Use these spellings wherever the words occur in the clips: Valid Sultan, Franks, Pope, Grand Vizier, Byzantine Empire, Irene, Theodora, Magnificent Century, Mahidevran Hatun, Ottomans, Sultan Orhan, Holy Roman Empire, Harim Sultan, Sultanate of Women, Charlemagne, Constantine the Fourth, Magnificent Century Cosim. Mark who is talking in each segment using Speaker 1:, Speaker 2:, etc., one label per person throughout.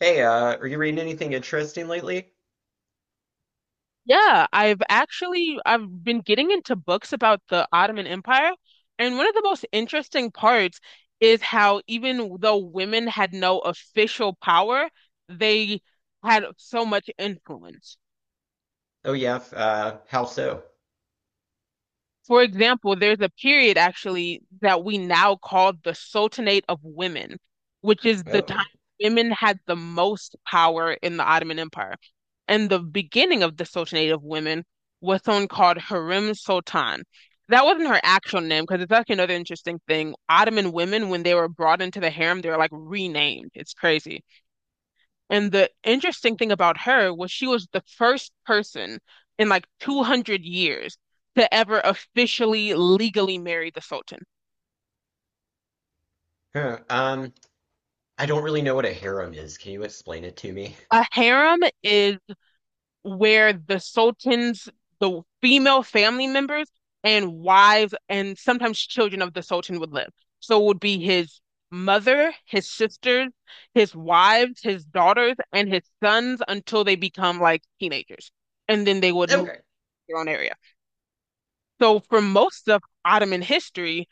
Speaker 1: Hey, are you reading anything interesting lately?
Speaker 2: Yeah, I've been getting into books about the Ottoman Empire, and one of the most interesting parts is how even though women had no official power, they had so much influence.
Speaker 1: Oh yeah, how so?
Speaker 2: For example, there's a period actually that we now call the Sultanate of Women, which is the time
Speaker 1: Oh,
Speaker 2: women had the most power in the Ottoman Empire. And the beginning of the Sultanate of Women was someone called Harim Sultan. That wasn't her actual name because it's actually another interesting thing. Ottoman women, when they were brought into the harem, they were like renamed. It's crazy. And the interesting thing about her was she was the first person in like 200 years to ever officially legally marry the Sultan.
Speaker 1: huh. Um, I don't really know what a harem is. Can you explain it to me?
Speaker 2: A harem is where the Sultan's, the female family members and wives and sometimes children of the Sultan would live. So it would be his mother, his sisters, his wives, his daughters, and his sons until they become like teenagers. And then they would move
Speaker 1: Okay.
Speaker 2: to their own area. So for most of Ottoman history,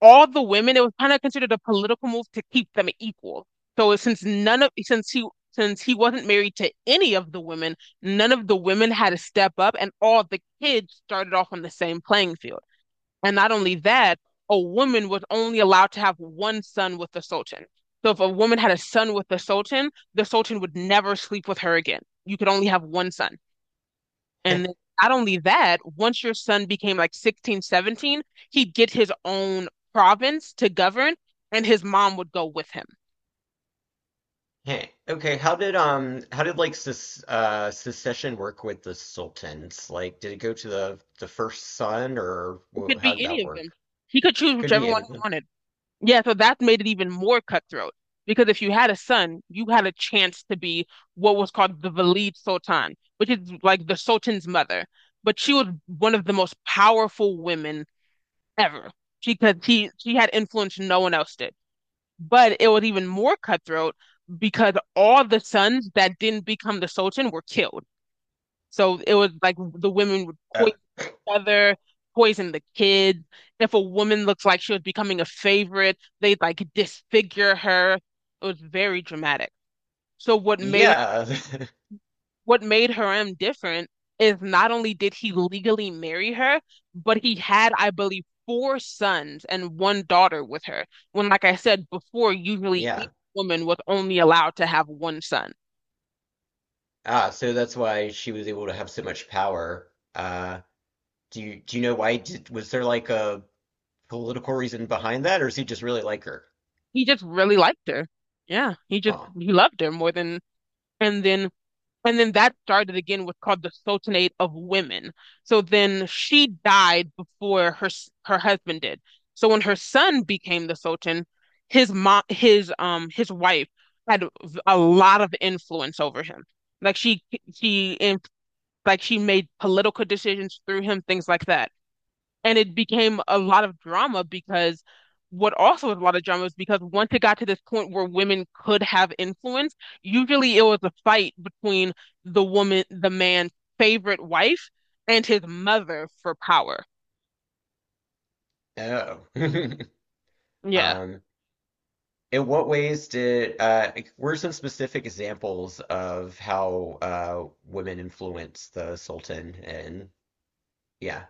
Speaker 2: all the women, it was kind of considered a political move to keep them equal. So since none of since he wasn't married to any of the women, none of the women had to step up, and all the kids started off on the same playing field. And not only that, a woman was only allowed to have one son with the Sultan. So if a woman had a son with the Sultan would never sleep with her again. You could only have one son.
Speaker 1: Heh,
Speaker 2: And then not only that, once your son became like 16, 17, he'd get his own province to govern, and his mom would go with him.
Speaker 1: heh. Okay, how did like ses secession work with the sultans? Like, did it go to the first son or
Speaker 2: It could
Speaker 1: how
Speaker 2: be
Speaker 1: did
Speaker 2: any
Speaker 1: that
Speaker 2: of them.
Speaker 1: work?
Speaker 2: He could choose
Speaker 1: Could
Speaker 2: whichever
Speaker 1: be any
Speaker 2: one
Speaker 1: of
Speaker 2: he
Speaker 1: them.
Speaker 2: wanted. Yeah, so that made it even more cutthroat because if you had a son, you had a chance to be what was called the Valid Sultan, which is like the Sultan's mother. But she was one of the most powerful women ever. She had influence no one else did. But it was even more cutthroat because all the sons that didn't become the Sultan were killed. So it was like the women would
Speaker 1: Oh,
Speaker 2: poison each other, poison the kids. If a woman looks like she was becoming a favorite, they'd like disfigure her. It was very dramatic. So what made
Speaker 1: yeah.
Speaker 2: what made Harem different is not only did he legally marry her, but he had, I believe, four sons and one daughter with her. When, like I said before, usually each
Speaker 1: Yeah.
Speaker 2: woman was only allowed to have one son.
Speaker 1: Ah, so that's why she was able to have so much power. Do you know why did was there like a political reason behind that, or does he just really like her?
Speaker 2: He just really liked her. Yeah, he just
Speaker 1: Huh.
Speaker 2: he loved her more than. And then And then that started again with called the Sultanate of Women. So then she died before her husband did. So when her son became the Sultan, his mom, his wife had a lot of influence over him. Like she in like she made political decisions through him, things like that. And it became a lot of drama because what also was a lot of drama is because once it got to this point where women could have influence, usually it was a fight between the woman, the man's favorite wife and his mother for power.
Speaker 1: Oh.
Speaker 2: Yeah.
Speaker 1: Um, in what ways did like, what some specific examples of how women influence the Sultan? And yeah,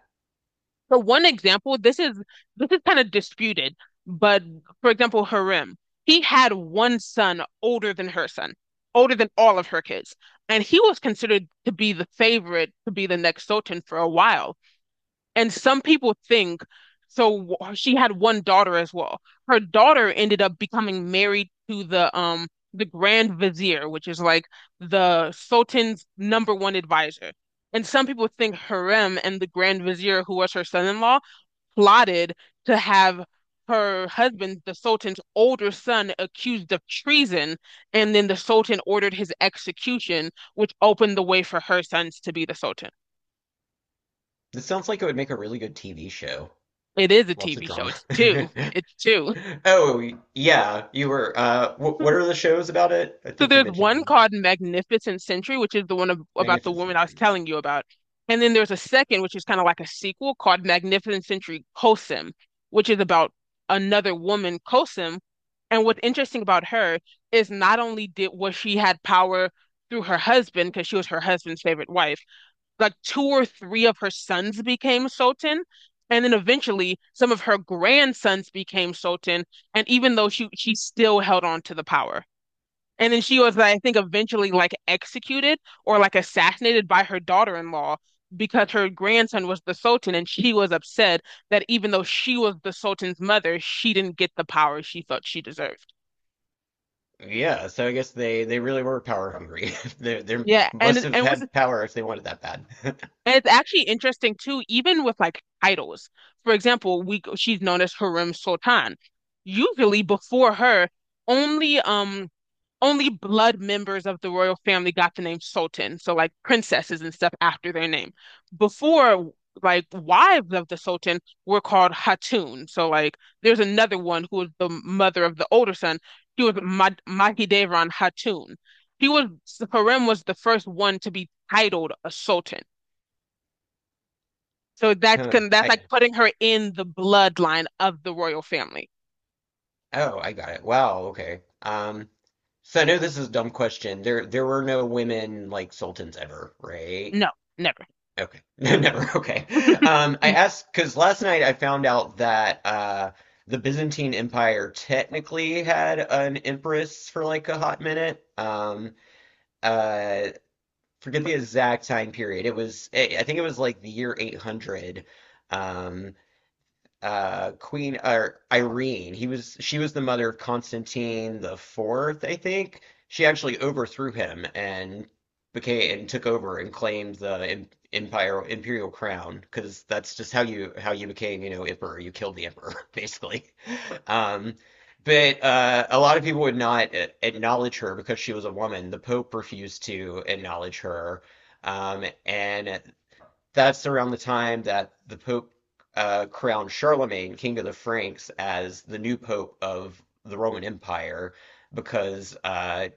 Speaker 2: So one example, this is kind of disputed, but for example, Harem, he had one son older than her son, older than all of her kids. And he was considered to be the favorite to be the next Sultan for a while. And some people think so. She had one daughter as well. Her daughter ended up becoming married to the Grand Vizier, which is like the Sultan's number one advisor. And some people think Harem and the Grand Vizier, who was her son-in-law, plotted to have her husband, the Sultan's older son, accused of treason, and then the Sultan ordered his execution, which opened the way for her sons to be the Sultan.
Speaker 1: this sounds like it would make a really good TV show.
Speaker 2: It is a
Speaker 1: Lots of
Speaker 2: TV show.
Speaker 1: drama.
Speaker 2: It's two. It's two.
Speaker 1: Oh yeah, you were. Wh what are the shows about it? I
Speaker 2: So
Speaker 1: think you
Speaker 2: there's
Speaker 1: mentioned
Speaker 2: one
Speaker 1: them.
Speaker 2: called Magnificent Century, which is the one about the
Speaker 1: Magnificent
Speaker 2: woman I was
Speaker 1: Century.
Speaker 2: telling you about. And then there's a second, which is kind of like a sequel called Magnificent Century Cosim, which is about another woman, Cosim. And what's interesting about her is not only did was she had power through her husband, because she was her husband's favorite wife, like two or three of her sons became Sultan, and then eventually some of her grandsons became Sultan. And even though she still held on to the power, and then she was, I think, eventually like executed or like assassinated by her daughter-in-law because her grandson was the Sultan, and she was upset that even though she was the Sultan's mother, she didn't get the power she thought she deserved.
Speaker 1: Yeah, so I guess they really were power hungry. They
Speaker 2: Yeah,
Speaker 1: must
Speaker 2: and
Speaker 1: have
Speaker 2: and what's
Speaker 1: had power if they wanted that bad.
Speaker 2: And it's actually interesting too, even with like titles. For example, we she's known as Harem Sultan. Usually before her, only um only blood members of the royal family got the name Sultan. So like princesses and stuff after their name. Before like wives of the Sultan were called Hatun. So like there's another one who was the mother of the older son. She was Mad Mahidevran Hatun. He was Harem was the first one to be titled a Sultan. So that
Speaker 1: Huh.
Speaker 2: can that's like
Speaker 1: I
Speaker 2: putting her in the bloodline of the royal family.
Speaker 1: oh, I got it. Wow, okay. So I know this is a dumb question. There were no women like sultans ever, right?
Speaker 2: No, never.
Speaker 1: Okay. No, never. Okay. I asked because last night I found out that the Byzantine Empire technically had an empress for like a hot minute. Uh, forget the exact time period. It was I think it was like the year 800. Um, Queen or Irene. He was she was the mother of Constantine the Fourth, I think. She actually overthrew him and became and took over and claimed the empire imperial crown because that's just how you became, you know, emperor. You killed the emperor basically. Um But a lot of people would not acknowledge her because she was a woman. The Pope refused to acknowledge her. And that's around the time that the Pope crowned Charlemagne King of the Franks as the new Pope of the Roman Empire because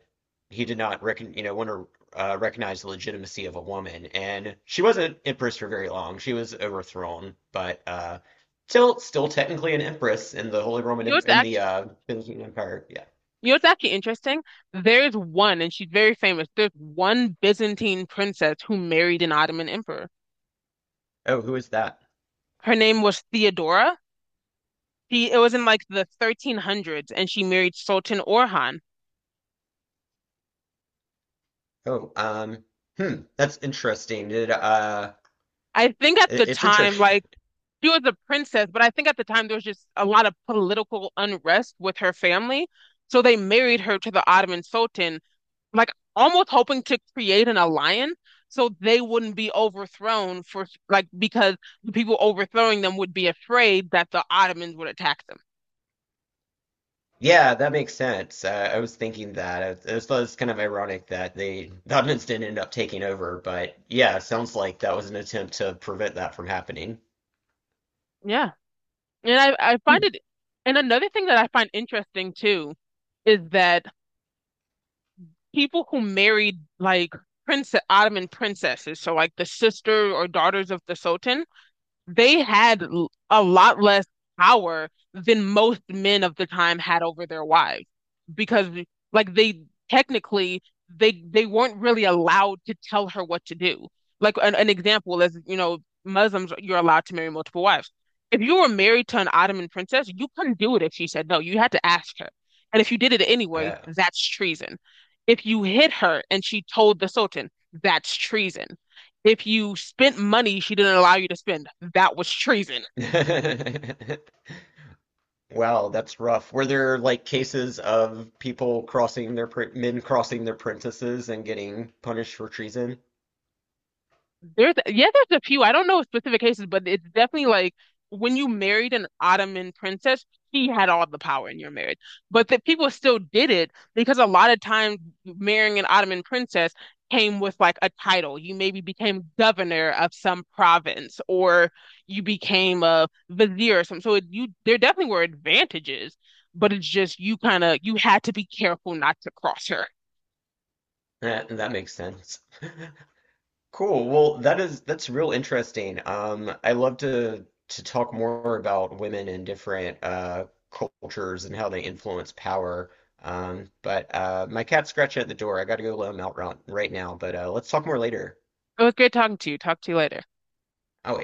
Speaker 1: he did not you know want to recognize the legitimacy of a woman, and she wasn't empress for very long. She was overthrown, but still technically an empress in the Holy Roman
Speaker 2: Yours
Speaker 1: in the
Speaker 2: actually,
Speaker 1: Byzantine Empire. Yeah.
Speaker 2: yours actually interesting. There's one, and she's very famous. There's one Byzantine princess who married an Ottoman emperor.
Speaker 1: Oh, who is that?
Speaker 2: Her name was Theodora. She, it was in like the 1300s, and she married Sultan Orhan.
Speaker 1: Oh, hmm, that's interesting. Did
Speaker 2: I think at the
Speaker 1: it's
Speaker 2: time,
Speaker 1: interesting.
Speaker 2: like she was a princess, but I think at the time there was just a lot of political unrest with her family. So they married her to the Ottoman Sultan, like almost hoping to create an alliance so they wouldn't be overthrown for like because the people overthrowing them would be afraid that the Ottomans would attack them.
Speaker 1: Yeah, that makes sense. I was thinking that. It was kind of ironic that the Ottomans didn't end up taking over, but yeah, it sounds like that was an attempt to prevent that from happening.
Speaker 2: Yeah. And I find
Speaker 1: Hmm.
Speaker 2: it, and another thing that I find interesting too is that people who married like prince Ottoman princesses, so like the sister or daughters of the Sultan, they had a lot less power than most men of the time had over their wives because like they technically they weren't really allowed to tell her what to do. Like an example is, you know, Muslims, you're allowed to marry multiple wives. If you were married to an Ottoman princess, you couldn't do it if she said no. You had to ask her. And if you did it anyway,
Speaker 1: Yeah.
Speaker 2: that's treason. If you hit her and she told the Sultan, that's treason. If you spent money she didn't allow you to spend, that was treason.
Speaker 1: Wow, that's rough. Were there like cases of people crossing their pr men crossing their princesses and getting punished for treason?
Speaker 2: There's yeah, there's a few. I don't know specific cases, but it's definitely like when you married an Ottoman princess, he had all the power in your marriage. But that people still did it because a lot of times marrying an Ottoman princess came with like a title. You maybe became governor of some province or you became a vizier or something. So you there definitely were advantages, but it's just you kind of you had to be careful not to cross her.
Speaker 1: That makes sense. Cool. Well, that's real interesting. I love to talk more about women in different cultures and how they influence power. But my cat's scratching at the door. I got to go let him out right now. But let's talk more later.
Speaker 2: It was good talking to you. Talk to you later.
Speaker 1: Oh,